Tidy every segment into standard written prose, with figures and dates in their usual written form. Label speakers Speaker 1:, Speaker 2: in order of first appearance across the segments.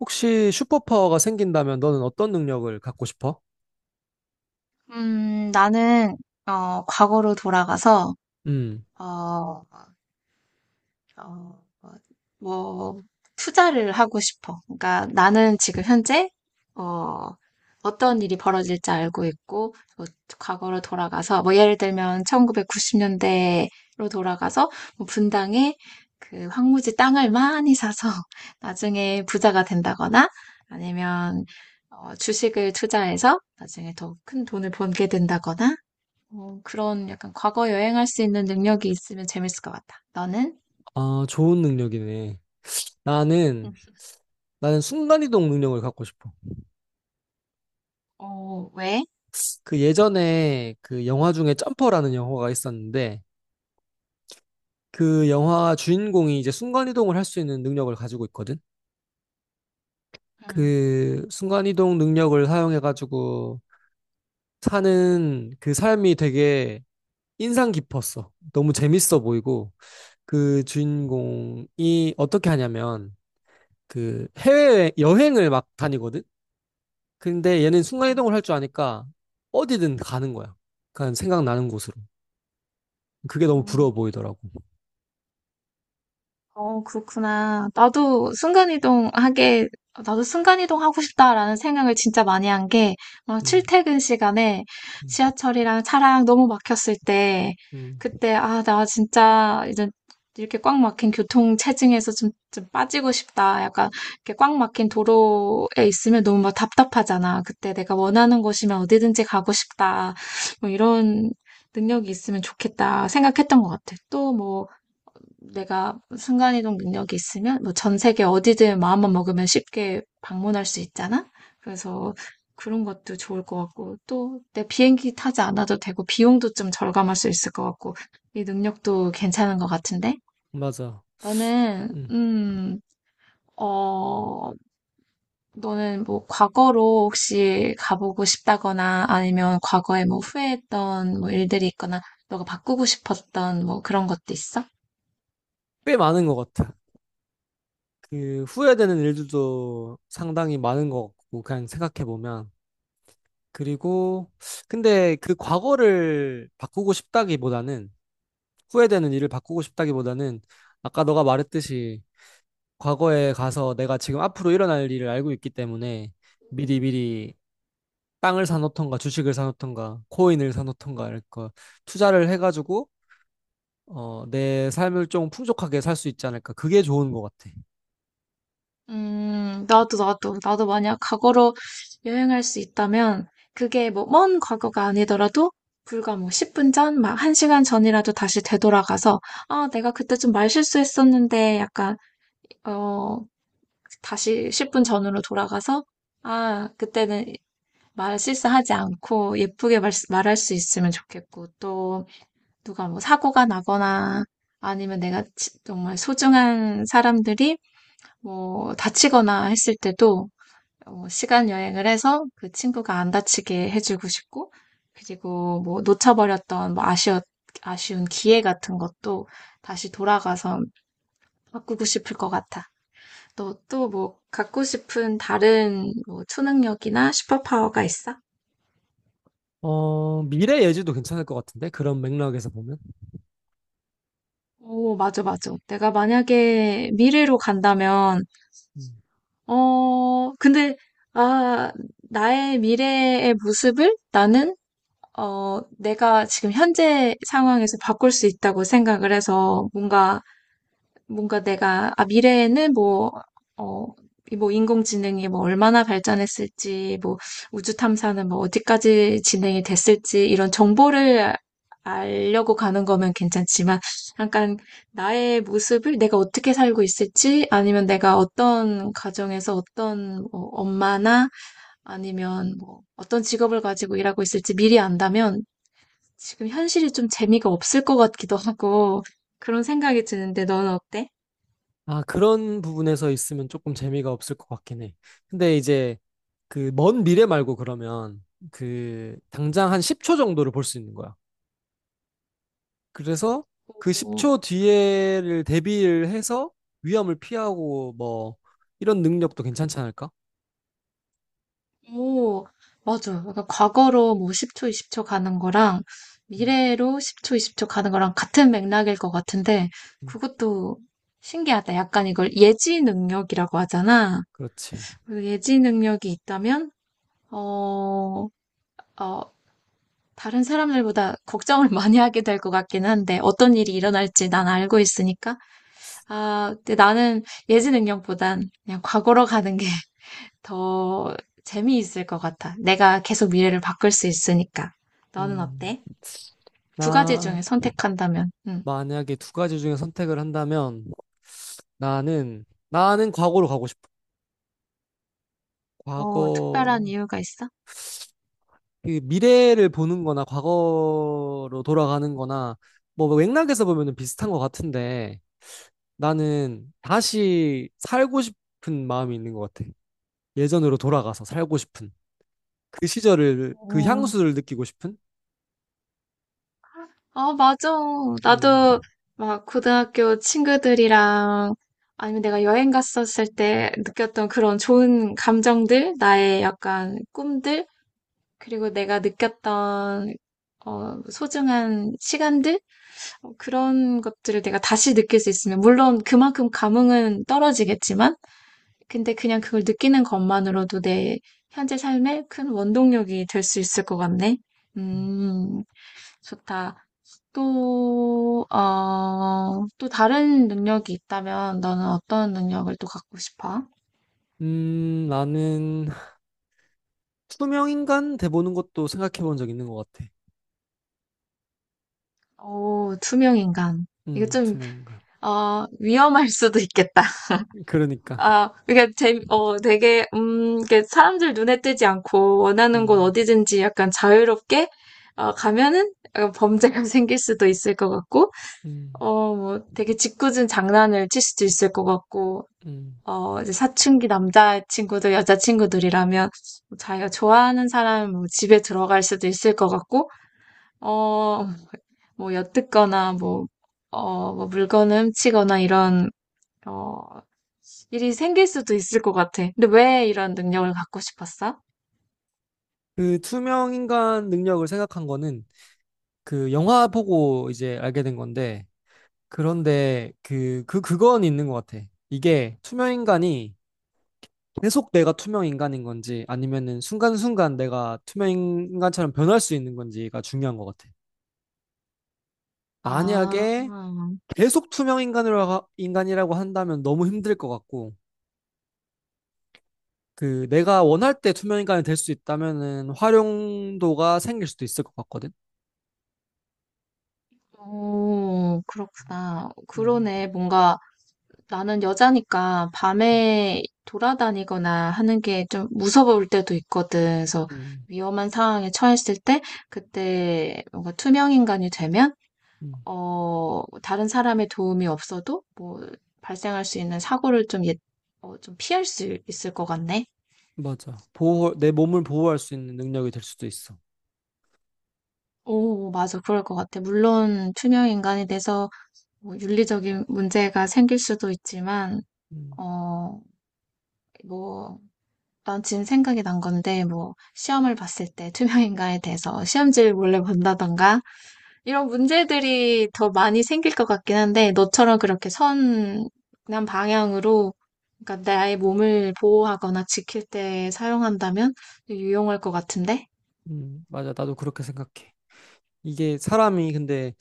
Speaker 1: 혹시 슈퍼파워가 생긴다면 너는 어떤 능력을 갖고 싶어?
Speaker 2: 나는, 과거로 돌아가서,
Speaker 1: 음,
Speaker 2: 어, 어, 뭐, 투자를 하고 싶어. 그러니까 나는 지금 현재, 어, 어떤 일이 벌어질지 알고 있고, 뭐, 과거로 돌아가서, 뭐, 예를 들면, 1990년대로 돌아가서, 뭐 분당에 그 황무지 땅을 많이 사서, 나중에 부자가 된다거나, 아니면, 주식을 투자해서 나중에 더 큰 돈을 벌게 된다거나, 그런 약간 과거 여행할 수 있는 능력이 있으면 재밌을 것 같다. 너는?
Speaker 1: 아, 좋은 능력이네.
Speaker 2: 응.
Speaker 1: 나는, 나는 순간이동 능력을 갖고 싶어.
Speaker 2: 왜?
Speaker 1: 그 예전에 그 영화 중에 점퍼라는 영화가 있었는데, 그 영화 주인공이 이제 순간이동을 할 수 있는 능력을 가지고 있거든? 그 순간이동 능력을 사용해가지고 사는 그 삶이 되게 인상 깊었어. 너무 재밌어 보이고, 그 주인공이 어떻게 하냐면, 그 해외 여행을 막 다니거든? 근데 얘는
Speaker 2: 응.
Speaker 1: 순간이동을 할 줄 아니까 어디든 가는 거야. 그냥 생각나는 곳으로. 그게 너무
Speaker 2: 어,
Speaker 1: 부러워 보이더라고.
Speaker 2: 그렇구나. 나도 순간이동 하고 싶다라는 생각을 진짜 많이 한 게,
Speaker 1: 음,
Speaker 2: 출퇴근 시간에
Speaker 1: 음,
Speaker 2: 지하철이랑 차랑 너무 막혔을 때,
Speaker 1: 음,
Speaker 2: 그때, 아, 나 진짜 이제 이렇게 꽉 막힌 교통 체증에서 좀, 빠지고 싶다. 약간 이렇게 꽉 막힌 도로에 있으면 너무 막 답답하잖아. 그때 내가 원하는 곳이면 어디든지 가고 싶다. 뭐 이런 능력이 있으면 좋겠다 생각했던 것 같아. 또 뭐, 내가 순간이동 능력이 있으면 뭐 전 세계 어디든 마음만 먹으면 쉽게 방문할 수 있잖아. 그래서 그런 것도 좋을 것 같고 또 내 비행기 타지 않아도 되고 비용도 좀 절감할 수 있을 것 같고 이 능력도 괜찮은 것 같은데
Speaker 1: 맞아.
Speaker 2: 너는
Speaker 1: 음.
Speaker 2: 음, 어, 너는 뭐 과거로 혹시 가보고 싶다거나 아니면 과거에 뭐 후회했던 뭐 일들이 있거나 너가 바꾸고 싶었던 뭐 그런 것도 있어?
Speaker 1: 꽤 많은 것 같아. 그 후회되는 일들도 상당히 많은 것 같고, 그냥 생각해보면. 그리고, 근데 그 과거를 바꾸고 싶다기보다는, 후회되는 일을 바꾸고 싶다기보다는, 아까 너가 말했듯이 과거에 가서 내가 지금 앞으로 일어날 일을 알고 있기 때문에 미리 미리 땅을 사놓던가 주식을 사놓던가 코인을 사놓던가 이렇게 투자를 해가지고 어, 내 삶을 좀 풍족하게 살 수 있지 않을까. 그게 좋은 것 같아.
Speaker 2: 나도 만약 과거로 여행할 수 있다면, 그게 뭐, 먼 과거가 아니더라도, 불과 뭐, 10분 전, 막, 1시간 전이라도 다시 되돌아가서, 아, 내가 그때 좀 말실수했었는데, 약간, 어, 다시 10분 전으로 돌아가서, 아, 그때는 말실수하지 않고, 예쁘게 말할 수 있으면 좋겠고, 또, 누가 뭐, 사고가 나거나, 아니면 내가 정말 소중한 사람들이, 뭐, 다치거나 했을 때도, 시간 여행을 해서 그 친구가 안 다치게 해주고 싶고, 그리고 뭐 놓쳐버렸던 뭐 아쉬운 기회 같은 것도 다시 돌아가서 바꾸고 싶을 것 같아. 너 또 뭐 갖고 싶은 다른 뭐 초능력이나 슈퍼파워가 있어?
Speaker 1: 어, 미래 예지도 괜찮을 것 같은데? 그런 맥락에서 보면.
Speaker 2: 오, 맞아, 맞아. 내가 만약에 미래로 간다면,
Speaker 1: 음.
Speaker 2: 근데, 아, 나의 미래의 모습을 나는 내가 지금 현재 상황에서 바꿀 수 있다고 생각을 해서 뭔가 내가, 아, 미래에는 뭐, 어, 이뭐 인공지능이 뭐 얼마나 발전했을지, 뭐 우주 탐사는 뭐 어디까지 진행이 됐을지 이런 정보를 알려고 가는 거면 괜찮지만 약간 나의 모습을 내가 어떻게 살고 있을지 아니면 내가 어떤 가정에서 어떤 뭐 엄마나 아니면 뭐 어떤 직업을 가지고 일하고 있을지 미리 안다면 지금 현실이 좀 재미가 없을 것 같기도 하고 그런 생각이 드는데 너는 어때?
Speaker 1: 아, 그런 부분에서 있으면 조금 재미가 없을 것 같긴 해. 근데 이제 그 먼 미래 말고 그러면 그 당장 한 10초 정도를 볼 수 있는 거야. 그래서 그
Speaker 2: 오,
Speaker 1: 10초 뒤에를 대비를 해서 위험을 피하고 뭐 이런 능력도 괜찮지 않을까?
Speaker 2: 오, 맞아. 약간 과거로 뭐 10초, 20초 가는 거랑
Speaker 1: 음,
Speaker 2: 미래로 10초, 20초 가는 거랑 같은 맥락일 것 같은데
Speaker 1: 음,
Speaker 2: 그것도 신기하다. 약간 이걸 예지 능력이라고 하잖아.
Speaker 1: 그렇지.
Speaker 2: 그 예지 능력이 있다면 어, 어, 다른 사람들보다 걱정을 많이 하게 될 것 같긴 한데 어떤 일이 일어날지 난 알고 있으니까 아, 근데 나는 예지능력보단 그냥 과거로 가는 게 더 재미있을 것 같아. 내가 계속 미래를 바꿀 수 있으니까. 너는
Speaker 1: 음,
Speaker 2: 어때? 두 가지
Speaker 1: 나
Speaker 2: 중에 선택한다면, 응.
Speaker 1: 만약에 두 가지 중에 선택을 한다면 나는 나는 과거로 가고 싶어.
Speaker 2: 특별한
Speaker 1: 과거
Speaker 2: 이유가 있어?
Speaker 1: 그 미래를 보는 거나 과거로 돌아가는 거나 뭐 맥락에서 보면은 비슷한 것 같은데 나는 다시 살고 싶은 마음이 있는 것 같아. 예전으로 돌아가서 살고 싶은. 그 시절을 그
Speaker 2: 어,
Speaker 1: 향수를 느끼고 싶은?
Speaker 2: 아, 맞아.
Speaker 1: 음,
Speaker 2: 나도 막 고등학교 친구들이랑 아니면 내가 여행 갔었을 때 느꼈던 그런 좋은 감정들, 나의 약간 꿈들, 그리고 내가 느꼈던 소중한 시간들? 그런 것들을 내가 다시 느낄 수 있으면, 물론 그만큼 감흥은 떨어지겠지만, 근데 그냥 그걸 느끼는 것만으로도 내 현재 삶에 큰 원동력이 될 수 있을 것 같네. 음, 좋다. 또, 또 다른 능력이 있다면 너는 어떤 능력을 또 갖고 싶어?
Speaker 1: 나는 투명인간 돼보는 것도 생각해본 적 있는 것 같아.
Speaker 2: 오, 투명 인간. 이거 좀,
Speaker 1: 투명인간.
Speaker 2: 위험할 수도 있겠다.
Speaker 1: 그러니까.
Speaker 2: 아, 그게 되게, 이게 사람들 눈에 띄지 않고 원하는 곳
Speaker 1: 음,
Speaker 2: 어디든지 약간 자유롭게, 가면은 약간 범죄가 생길 수도 있을 것 같고,
Speaker 1: 음,
Speaker 2: 뭐 되게 짓궂은 장난을 칠 수도 있을 것 같고,
Speaker 1: 음.
Speaker 2: 이제 사춘기 남자친구들, 여자친구들이라면 뭐 자기가 좋아하는 사람 뭐 집에 들어갈 수도 있을 것 같고, 어, 뭐 엿듣거나 뭐, 뭐 물건을 훔치거나 이런 어, 일이 생길 수도 있을 것 같아. 근데 왜 이런 능력을 갖고 싶었어?
Speaker 1: 그 투명인간 능력을 생각한 거는 그 영화 보고 이제 알게 된 건데, 그런데 그건 있는 것 같아. 이게 투명인간이 계속 내가 투명인간인 건지 아니면은 순간순간 내가 투명인간처럼 변할 수 있는 건지가 중요한 것 같아.
Speaker 2: 아,
Speaker 1: 만약에 계속 투명 인간으로 인간이라고 한다면 너무 힘들 것 같고 그 내가 원할 때 투명 인간이 될 수 있다면은 활용도가 생길 수도 있을 것 같거든.
Speaker 2: 오, 그렇구나.
Speaker 1: 음,
Speaker 2: 그러네. 뭔가 나는 여자니까 밤에 돌아다니거나 하는 게 좀 무서울 때도 있거든. 그래서
Speaker 1: 음,
Speaker 2: 위험한 상황에 처했을 때, 그때 뭔가 투명 인간이 되면,
Speaker 1: 음,
Speaker 2: 다른 사람의 도움이 없어도 뭐 발생할 수 있는 사고를 좀, 예, 좀 피할 수 있을 것 같네.
Speaker 1: 맞아. 보호 내 몸을 보호할 수 있는 능력이 될 수도 있어.
Speaker 2: 오, 맞아. 그럴 것 같아. 물론, 투명 인간이 돼서 뭐 윤리적인 문제가 생길 수도 있지만,
Speaker 1: 음,
Speaker 2: 어, 뭐, 난 지금 생각이 난 건데, 뭐, 시험을 봤을 때 투명 인간이 돼서 시험지를 몰래 본다던가, 이런 문제들이 더 많이 생길 것 같긴 한데, 너처럼 그렇게 선한 방향으로, 그러니까 나의 몸을 보호하거나 지킬 때 사용한다면 유용할 것 같은데?
Speaker 1: 맞아. 나도 그렇게 생각해. 이게 사람이 근데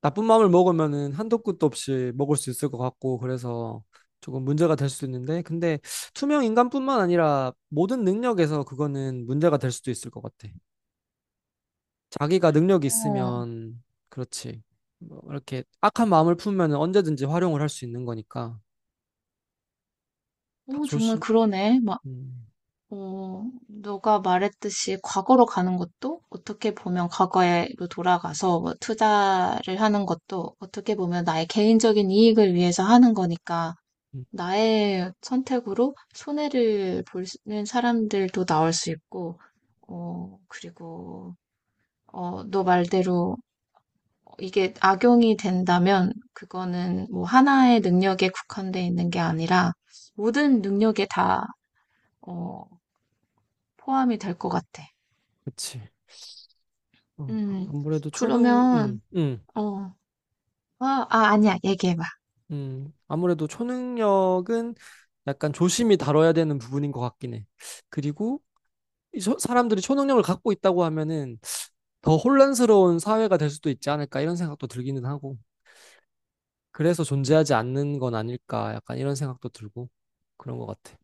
Speaker 1: 나쁜 마음을 먹으면은 한도 끝도 없이 먹을 수 있을 것 같고 그래서 조금 문제가 될 수 있는데 근데 투명 인간뿐만 아니라 모든 능력에서 그거는 문제가 될 수도 있을 것 같아. 자기가 능력이
Speaker 2: 어,
Speaker 1: 있으면 그렇지. 뭐 이렇게 악한 마음을 품으면 언제든지 활용을 할 수 있는 거니까 다
Speaker 2: 오, 정말
Speaker 1: 조심.
Speaker 2: 그러네.
Speaker 1: 음,
Speaker 2: 너가 말했듯이 과거로 가는 것도 어떻게 보면 과거로 돌아가서 뭐 투자를 하는 것도 어떻게 보면 나의 개인적인 이익을 위해서 하는 거니까
Speaker 1: 음,
Speaker 2: 나의 선택으로 손해를 보는 사람들도 나올 수 있고, 그리고, 너 말대로 이게 악용이 된다면 그거는 뭐 하나의 능력에 국한돼 있는 게 아니라 모든 능력에 다, 어, 포함이 될 것 같아.
Speaker 1: 그치.
Speaker 2: 음,
Speaker 1: 아무래도
Speaker 2: 그러면, 어, 아니야, 얘기해봐.
Speaker 1: 아무래도 초능력은 약간 조심히 다뤄야 되는 부분인 것 같긴 해. 그리고 이 사람들이 초능력을 갖고 있다고 하면은 더 혼란스러운 사회가 될 수도 있지 않을까 이런 생각도 들기는 하고. 그래서 존재하지 않는 건 아닐까 약간 이런 생각도 들고 그런 것 같아.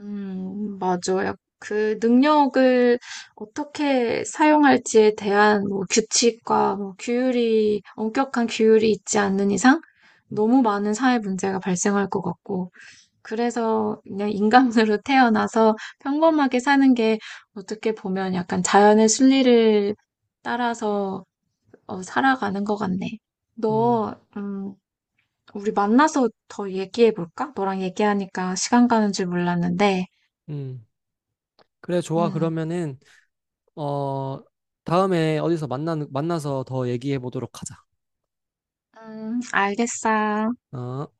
Speaker 2: 맞아요. 그 능력을 어떻게 사용할지에 대한 뭐 규칙과 뭐 규율이, 엄격한 규율이 있지 않는 이상 너무 많은 사회 문제가 발생할 것 같고, 그래서 그냥 인간으로 태어나서 평범하게 사는 게 어떻게 보면 약간 자연의 순리를 따라서 살아가는 것 같네.
Speaker 1: 음,
Speaker 2: 너, 음, 우리 만나서 더 얘기해 볼까? 너랑 얘기하니까 시간 가는 줄 몰랐는데.
Speaker 1: 음. 그래, 좋아.
Speaker 2: 음,
Speaker 1: 그러면은, 어, 다음에 어디서 만나서 더 얘기해 보도록 하자.
Speaker 2: 알겠어.
Speaker 1: 어?